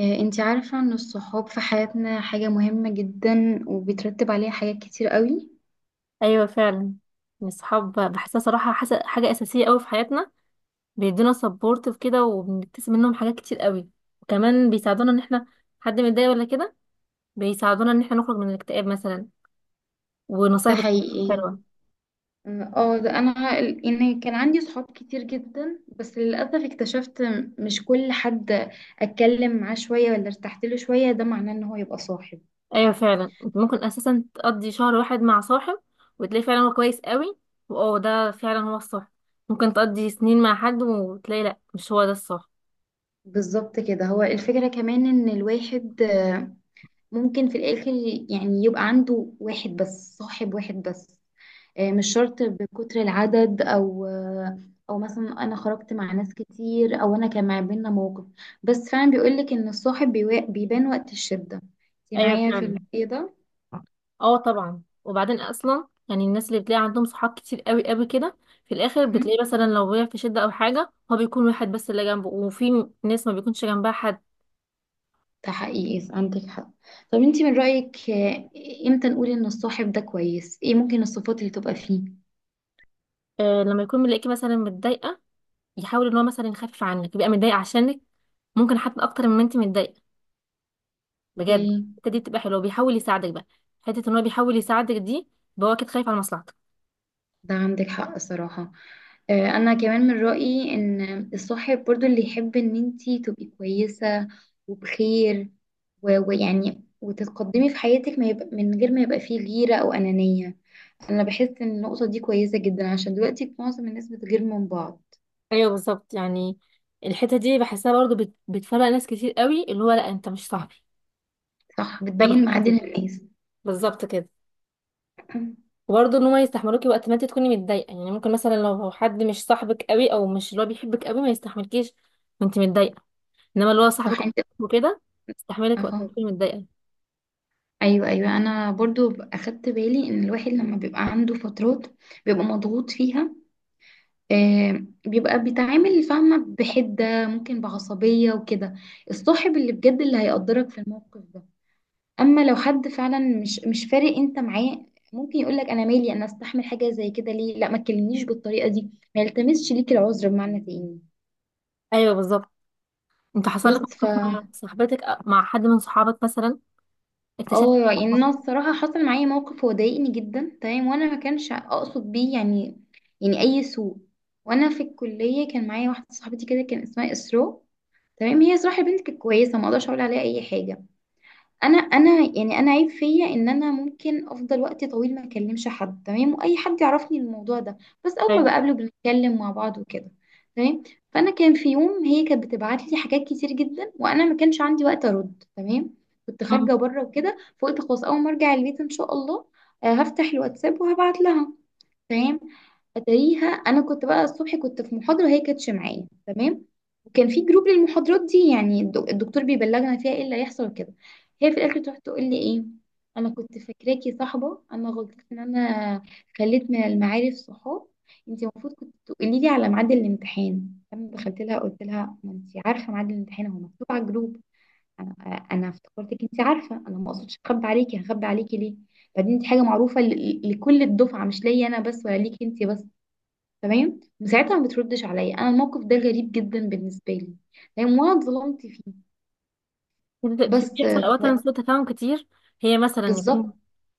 انتي عارفة ان الصحاب في حياتنا حاجة مهمة جدا وبيترتب عليها حاجات كتير قوي. ايوه فعلا، يعني الصحاب بحسها صراحه حاجه اساسيه قوي في حياتنا. بيدونا سبورت في كده، وبنكتسب منهم حاجات كتير قوي. وكمان بيساعدونا ان احنا حد متضايق ولا كده، بيساعدونا ان احنا نخرج من الاكتئاب مثلا. ده ونصايح حقيقي. حلوه. ده انا يعني كان عندي صحاب كتير جدا، بس للأسف اكتشفت مش كل حد اتكلم معاه شوية ولا ارتحت له شوية ده معناه ان هو يبقى صاحب. ايوه فعلا، انت ممكن اساسا تقضي شهر واحد مع صاحب وتلاقي فعلا هو كويس قوي، واه ده فعلا هو الصح. ممكن تقضي سنين مع حد وتلاقي لا مش هو ده الصح. بالظبط كده، هو الفكرة كمان ان الواحد ممكن في الاخر يعني يبقى عنده واحد بس، صاحب واحد بس. مش شرط بكتر العدد، او او مثلا انا خرجت مع ناس كتير او انا كان ما بينا موقف. بس فعلا بيقولك ان الصاحب بيبان وقت الشدة. انت ايوه معايا في فعلا. الايه ده؟ اه طبعا، وبعدين اصلا يعني الناس اللي بتلاقي عندهم صحاب كتير قوي قوي كده، في الاخر مهم. بتلاقي مثلا لو وقع في شده او حاجه هو بيكون واحد بس اللي جنبه، وفي ناس ما بيكونش جنبها حد. ده حقيقي، عندك حق. طب انت من رأيك، امتى نقول ان الصاحب ده كويس؟ ايه ممكن الصفات اللي تبقى فيه؟ آه لما يكون ملاقيكي مثلا متضايقه، يحاول ان هو مثلا يخفف عنك، يبقى متضايق عشانك ممكن حتى اكتر مما انت متضايقه اوكي. بجد. الحته دي بتبقى حلوه، بيحاول يساعدك بقى. حته ان هو بيحاول يساعدك دي، يبقى هو اكيد خايف على مصلحتك. ده عندك حق صراحة. انا كمان من رأيي ان الصاحب برضو اللي يحب ان انتي تبقي كويسة وبخير، ويعني وتتقدمي في حياتك، ما يبقى من غير ما يبقى فيه غيرة او انانية. انا بحس ان النقطة دي كويسة جدا عشان دلوقتي معظم الناس بتغير من بعض. ايوه بالظبط يعني الحته دي بحسها برضه بتفرق ناس كتير قوي، اللي هو لا انت مش صاحبي، صح، ده بتبين بالحته معادن دي. الناس. بالظبط كده. وبرضه ان هما يستحملوكي وقت ما انت تكوني متضايقه، يعني ممكن مثلا لو حد مش صاحبك قوي او مش اللي هو بيحبك قوي ما يستحملكيش وانت متضايقه، انما اللي هو صح صاحبك انت. وكده يستحملك وقت اهو. ما تكوني متضايقه. ايوه، ايوه، انا برضو اخدت بالي ان الواحد لما بيبقى عنده فترات بيبقى مضغوط فيها، بيبقى بيتعامل فاهمة بحدة، ممكن بعصبية وكده. الصاحب اللي بجد اللي هيقدرك في الموقف ده. أما لو حد فعلا مش فارق أنت معاه، ممكن يقولك، أنا مالي؟ أنا أستحمل حاجة زي كده ليه؟ لا ما تكلمنيش بالطريقة دي. ما يلتمسش ليك العذر بمعنى تاني. ايوه بالظبط. انت حصل بس لك موقف مع صاحبتك أو مع حد من صحابك مثلا، اكتشفت اه إن يعني هو- انا الصراحة حصل معايا موقف هو ضايقني جدا تمام، وانا ما كانش اقصد بيه يعني يعني اي سوء. وانا في الكلية كان معايا واحدة صاحبتي كده، كان اسمها اسراء. تمام، هي صراحة بنتك كويسة، ما اقدرش اقول عليها اي حاجة. انا يعني انا عيب فيا ان انا ممكن افضل وقت طويل ما اكلمش حد تمام، واي حد يعرفني الموضوع ده. بس اول ما ايوه. بقابله بنتكلم مع بعض وكده. تمام. فانا كان في يوم هي كانت بتبعت لي حاجات كتير جدا وانا ما كانش عندي وقت ارد، تمام. كنت أمم. خارجة بره وكده، فقلت خلاص اول ما ارجع البيت ان شاء الله هفتح الواتساب وهبعت لها. تمام. اتاريها انا كنت بقى الصبح كنت في محاضره وهي كانتش معايا، تمام. وكان في جروب للمحاضرات دي يعني الدكتور بيبلغنا فيها ايه اللي هيحصل وكده. هي في الاخر تروح تقول لي ايه؟ انا كنت فاكراكي صاحبه، انا غلطت ان انا خليت من المعارف صحاب. انت المفروض كنت تقولي لي على ميعاد الامتحان. لما دخلت لها قلت لها، ما انت عارفه ميعاد الامتحان هو مكتوب على الجروب. انا انا افتكرتك انت عارفه، انا ما اقصدش اخبي عليكي، هخبي عليكي ليه؟ بعدين دي حاجه معروفه لكل الدفعه، مش ليا انا بس ولا ليكي انت بس. تمام، وساعتها ما بتردش عليا. انا الموقف ده غريب جدا بالنسبه لي، لان وانا اتظلمت فيه. بس بيحصل اوقات سوء تفاهم كتير. هي مثلا يكون بالظبط.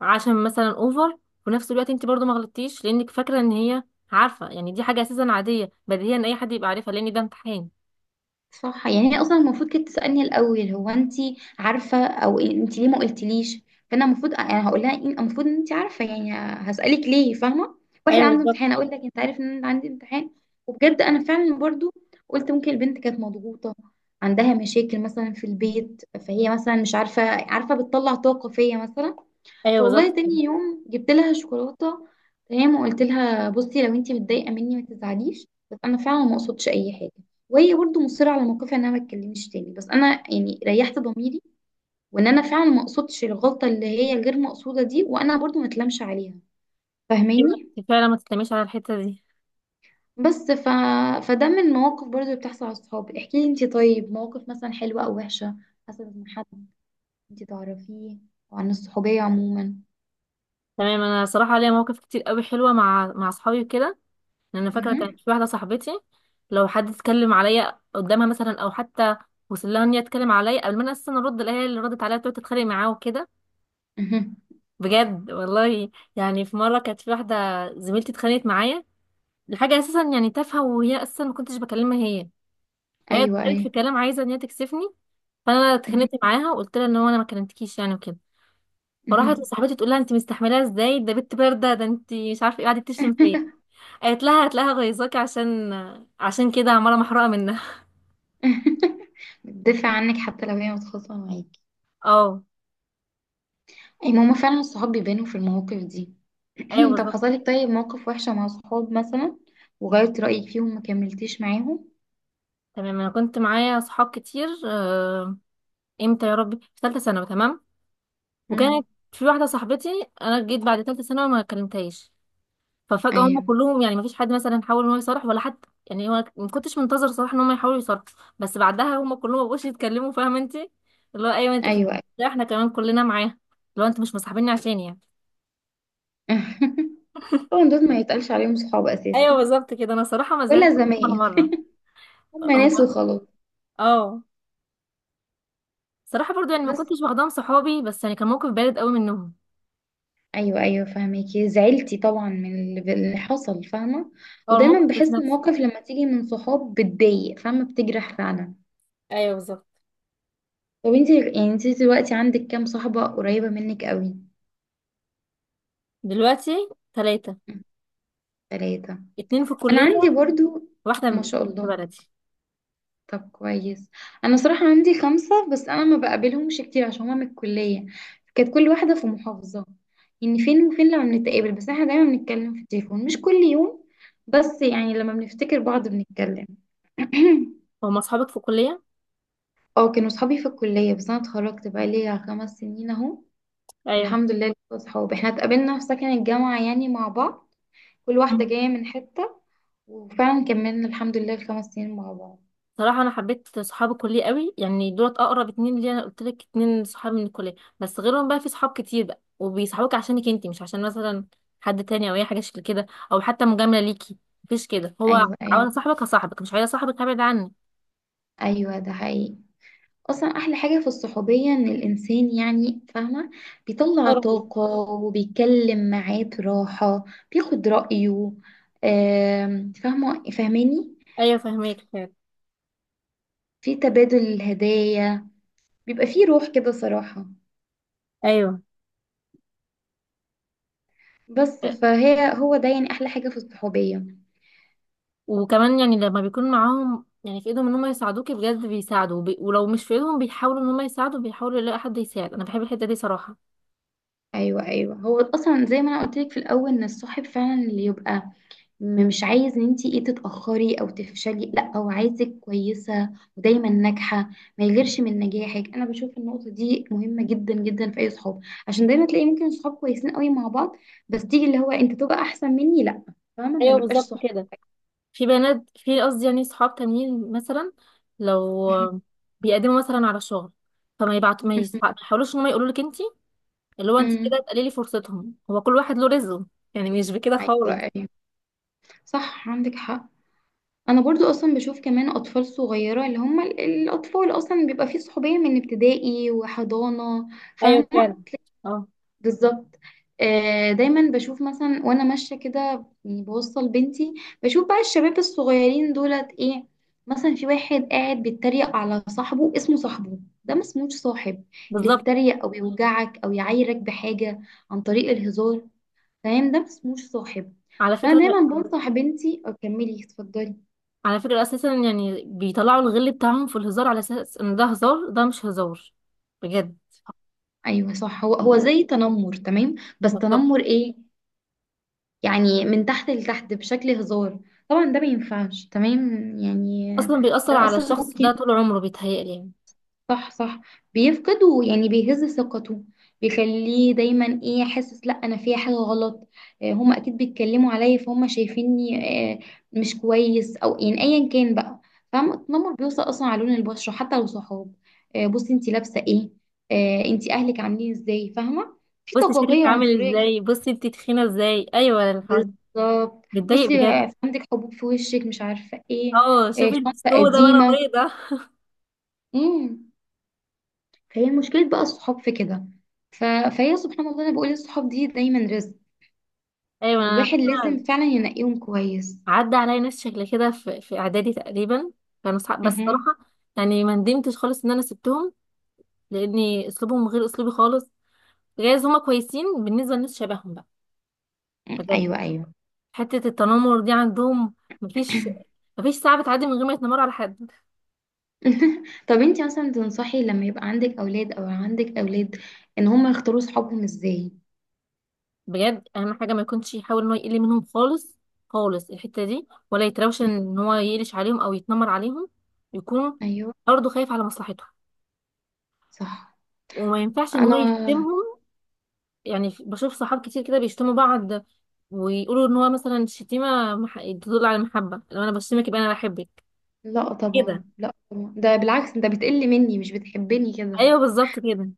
عشان مثلا اوفر، وفي نفس الوقت انت برضو ما غلطتيش لانك فاكره ان هي عارفه، يعني دي حاجه اساسا عاديه بديهيا اي حد يبقى عارفها لان ده امتحان. صح، يعني هي اصلا المفروض كانت تسالني الاول، هو انت عارفه، او انت ليه ما قلتليش؟ فانا المفروض انا هقول لها المفروض ان انت عارفه يعني، هسالك ليه؟ فاهمه؟ واحد ايوه عنده بالظبط. امتحان اقول لك انت عارف ان انا عندي امتحان؟ وبجد انا فعلا برضو قلت ممكن البنت كانت مضغوطه، عندها مشاكل مثلا في البيت، فهي مثلا مش عارفه، عارفه بتطلع طاقه فيا مثلا. ايوه بالظبط فوالله كده. تاني يوم جبت لها شوكولاته، تمام، وقلت لها، بصي لو انت متضايقه مني ما تزعليش، بس انا فعلا ما قصدتش اي حاجه. وهي برضه مصرة على موقفها انها ما تكلمنيش تاني، بس انا يعني ريحت ضميري وان انا فعلا ما قصدتش الغلطة اللي هي غير مقصودة دي، وانا برضه ما اتلامش عليها. فاهماني؟ أيوة، فعلا ما تتلميش على الحته دي. بس فده من المواقف برضه اللي بتحصل على الصحاب. احكي لي انتي طيب، مواقف مثلا حلوة او وحشة حصلت من حد انتي تعرفيه، او عن الصحوبية عموما. تمام، انا صراحه ليا مواقف كتير قوي حلوه مع اصحابي وكده، لان أنا فاكره مهم. كانت في واحده صاحبتي لو حد اتكلم عليا قدامها مثلا، او حتى وصل لها ان هي تتكلم عليا، قبل ما انا اصلا ارد الاقيها اللي ردت عليا تقعد تتخانق معاه وكده. مهم. بجد والله. يعني في مره كانت في واحده زميلتي اتخانقت معايا لحاجه اساسا يعني تافهه، وهي اصلا ما كنتش بكلمها هي. فهي ايوه، اتكلمت في ايوه. كلام عايزه ان هي تكسفني، فانا مهم. اتخانقت معاها وقلت لها ان هو انا ما كلمتكيش يعني وكده. فراحت مهم. لصاحبتي تقول لها انت مستحملاها ازاي، ده بنت بارده، ده انت مش عارفه ايه، قعدت تشتم فيا. قالت لها هتلاقيها غيظاكي، عشان كده عماله محروقه منها. بتدافع عنك حتى لو هي متخاصمة معاكي. اه. اي ماما، فعلا الصحاب بيبانوا في المواقف دي. ايوه طب بالظبط. حصلك طيب موقف وحشة مع صحاب مثلا، وغيرت رأيك فيهم ما كملتيش معاهم؟ تمام انا كنت معايا صحاب كتير، امتى يا ربي، في ثالثه ثانوي. تمام، وكانت امم. في واحده صاحبتي انا جيت بعد ثالثه ثانوي ما كلمتهاش، ففجأة هم ايوه، كلهم يعني مفيش حد مثلا حاول ان هو يصرح ولا حتى، يعني هو ما كنتش منتظر صراحة ان هم يحاولوا يصرحوا. بس بعدها هم كلهم ما بقوش يتكلموا، فاهمة انت، اللي هو ايوه ايوه، ايوه. لا احنا كمان كلنا معاه، اللي هو انتوا مش مصاحبيني عشان يعني. طبعا دول ما يتقالش عليهم صحاب اساسا، ايوه بالظبط كده. انا صراحة ما ولا زعلت ولا زمايل. مرة. هم هم. ناس وخلاص. اه صراحة برضو يعني ما بس كنتش واخداهم صحابي، بس يعني كان موقف بارد قوي منهم. ايوه، ايوه، فاهمكي زعلتي طبعا من اللي حصل، فاهمه. اه ودايما الموقف ذات بحس نفسه. المواقف لما تيجي من صحاب بتضايق فاهمه، بتجرح فعلا. ايوه بالظبط. طب انت يعني، انت دلوقتي عندك كام صاحبه قريبه منك قوي؟ دلوقتي ثلاثة، ثلاثه. اتنين في انا الكلية عندي برضو. واحدة ما شاء في الله. بلدي. طب كويس. انا صراحة عندي 5، بس انا ما بقابلهمش كتير عشان هما من الكلية، كانت كل واحدة في محافظة، يعني فين وفين لما بنتقابل، بس احنا دايما بنتكلم في التليفون مش كل يوم، بس يعني لما بنفتكر بعض بنتكلم. هما اصحابك في الكلية. اه، كانوا صحابي في الكلية بس انا اتخرجت بقى ليا 5 سنين اهو. ايوه والحمد لله لسه صحاب، احنا اتقابلنا في سكن الجامعة يعني مع بعض، كل واحدة جاية من حتة، وفعلا كملنا الحمد لله الخمس سنين مع بعض. صراحة أنا حبيت صحاب الكلية قوي، يعني دولت أقرب اتنين ليا، أنا قلت لك اتنين صحاب من الكلية. بس غيرهم بقى في صحاب كتير بقى، وبيصحبوك عشانك انتي مش عشان مثلا حد تاني أو أي حاجة شكل كده، أو حتى مجاملة ليكي. مفيش كده. هو ايوه، ايوه، عاوز صاحبك هصاحبك، مش عايز صاحبك هبعد عني. ايوه، ده حقيقي. اصلا احلى حاجه في الصحوبيه ان الانسان يعني فاهمه بيطلع برضه. طاقه وبيتكلم معاه براحه، بياخد رايه. فاهمه، فاهماني؟ أيوة فاهمك فعلا. في تبادل الهدايا بيبقى فيه روح كده صراحه. أيوة. بس فهي هو ده يعني احلى حاجه في الصحوبيه. وكمان يعني لما بيكون معاهم يعني في ايدهم ان هم يساعدوكي بجد بيساعدوا، ولو مش في ايدهم بيحاولوا ان هم يساعدوا، بيحاولوا يلاقوا حد يساعد. انا بحب الحته دي صراحه. ايوه، ايوه، هو اصلا زي ما انا قلت لك في الاول ان الصاحب فعلا اللي يبقى مش عايز ان انتي ايه تتأخري او تفشلي، لا هو عايزك كويسة ودايما ناجحة، ما يغيرش من نجاحك. انا بشوف النقطة دي مهمة جدا جدا في اي صحاب، عشان دايما تلاقي ممكن صحاب كويسين قوي مع بعض، بس تيجي اللي هو انت تبقى احسن مني، لا، فاهمة؟ ما ايوه نبقاش بالظبط صحاب. كده. في بنات، في قصدي يعني صحاب تانيين مثلا لو بيقدموا مثلا على شغل، فما يبعت ما يحاولوش ان هم يقولوا لك انت اللي هو انت كده أمم. تقللي فرصتهم. هو كل واحد له رزقه يعني، مش بكده خالص. ايوه، ايوه، صح، عندك حق. انا برضو اصلا بشوف كمان اطفال صغيره اللي هم الاطفال اصلا بيبقى فيه صحوبيه من ابتدائي وحضانه، ايوه فعلا. فاهمه؟ اه بالظبط. دايما بشوف مثلا وانا ماشيه كده، يعني بوصل بنتي، بشوف بقى الشباب الصغيرين دولت ايه، مثلا في واحد قاعد بيتريق على صاحبه، اسمه صاحبه؟ ده ما اسموش صاحب. اللي بالظبط. يتريق او يوجعك او يعايرك بحاجه عن طريق الهزار، فاهم؟ ده ما اسموش صاحب. على فانا فكرة، دايما بنصح بنتي، اكملي اتفضلي. اساسا يعني بيطلعوا الغل بتاعهم في الهزار، على اساس ان ده هزار، ده مش هزار بجد. ايوه صح، هو هو زي تنمر تمام، بس بالظبط. تنمر ايه؟ يعني من تحت لتحت بشكل هزار، طبعا ده ما ينفعش تمام. يعني اصلا بيأثر ده على اصلا الشخص ده ممكن، طول عمره، بيتهيألي يعني. صح، صح، بيفقد، ويعني بيهز ثقته، بيخليه دايما ايه حاسس، لا انا فيها حاجه غلط، هما اكيد بيتكلموا عليا فهم شايفيني آه، مش كويس، او يعني ايا كان بقى. فاهمه، التنمر بيوصل اصلا على لون البشره حتى لو صحاب، بصي انت لابسه ايه، انت اهلك عاملين ازاي، فاهمه؟ في بصي شكلك طبقيه عامل عنصريه جدا. ازاي، بصي انت تخينة ازاي، ايوه. الحاجة بالظبط، بتضايق بصي بجد. عندك حبوب في وشك مش عارفه ايه، اه إيه شوفي شنطه السودا وانا قديمه. بيضة. امم. فهي مشكله بقى الصحاب في كده. ف... فهي سبحان الله، انا بقول الصحاب دي دايما رزق، ايوه انا والواحد لازم فاكرة، فعلا ينقيهم كويس. عدى عليا ناس شكل كده في في اعدادي تقريبا، كانوا صحاب بس مهم. صراحة يعني ما ندمتش خالص ان انا سبتهم، لاني اسلوبهم غير اسلوبي خالص. جايز هما كويسين بالنسبة لناس شبههم بقى، بجد. ايوه، ايوه. حتة التنمر دي عندهم، مفيش، مفيش ساعة بتعدي من غير ما يتنمروا على حد. طب انتي مثلا تنصحي لما يبقى عندك اولاد، او عندك اولاد، ان هم يختاروا صحابهم ازاي؟ بجد اهم حاجة ما يكونش يحاول ان هو يقل منهم خالص خالص الحتة دي، ولا يتراوش مهم. ان هو يقلش عليهم او يتنمر عليهم. يكون ايوه برضه خايف على مصلحتهم، صح. وما ينفعش ان هو انا يشتمهم. يعني بشوف صحاب كتير كده بيشتموا بعض، ويقولوا ان هو مثلا شتيمه تدل على المحبه، لو انا بشتمك يبقى انا بحبك لا طبعا، كده. لا طبعا، ده بالعكس، ده بتقل مني مش بتحبني كده. ايوه بالظبط كده.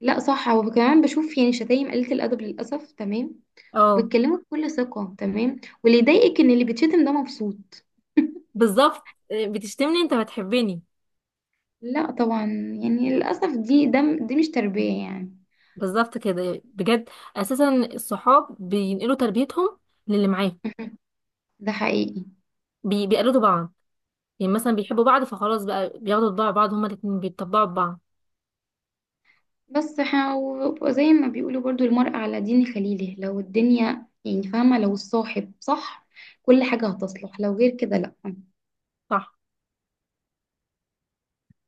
لا صح، وكمان بشوف يعني شتايم قليلة الأدب للأسف تمام، اه وبتكلموا بكل ثقة تمام، واللي يضايقك إن اللي بيتشتم ده مبسوط. بالظبط. إيه، بتشتمني انت بتحبني. لا طبعا، يعني للأسف دي مش تربية يعني. بالظبط كده بجد. اساسا الصحاب بينقلوا تربيتهم للي معاه. ده حقيقي. بيقلدوا بعض، يعني مثلا صح، بيحبوا بعض فخلاص بقى بياخدوا طباع بعض، هما الاتنين بيتطبعوا ببعض. بس وزي ما بيقولوا برضو المرء على دين خليله، لو الدنيا يعني فاهمة لو الصاحب صح كل حاجة هتصلح، لو غير كده لا صح.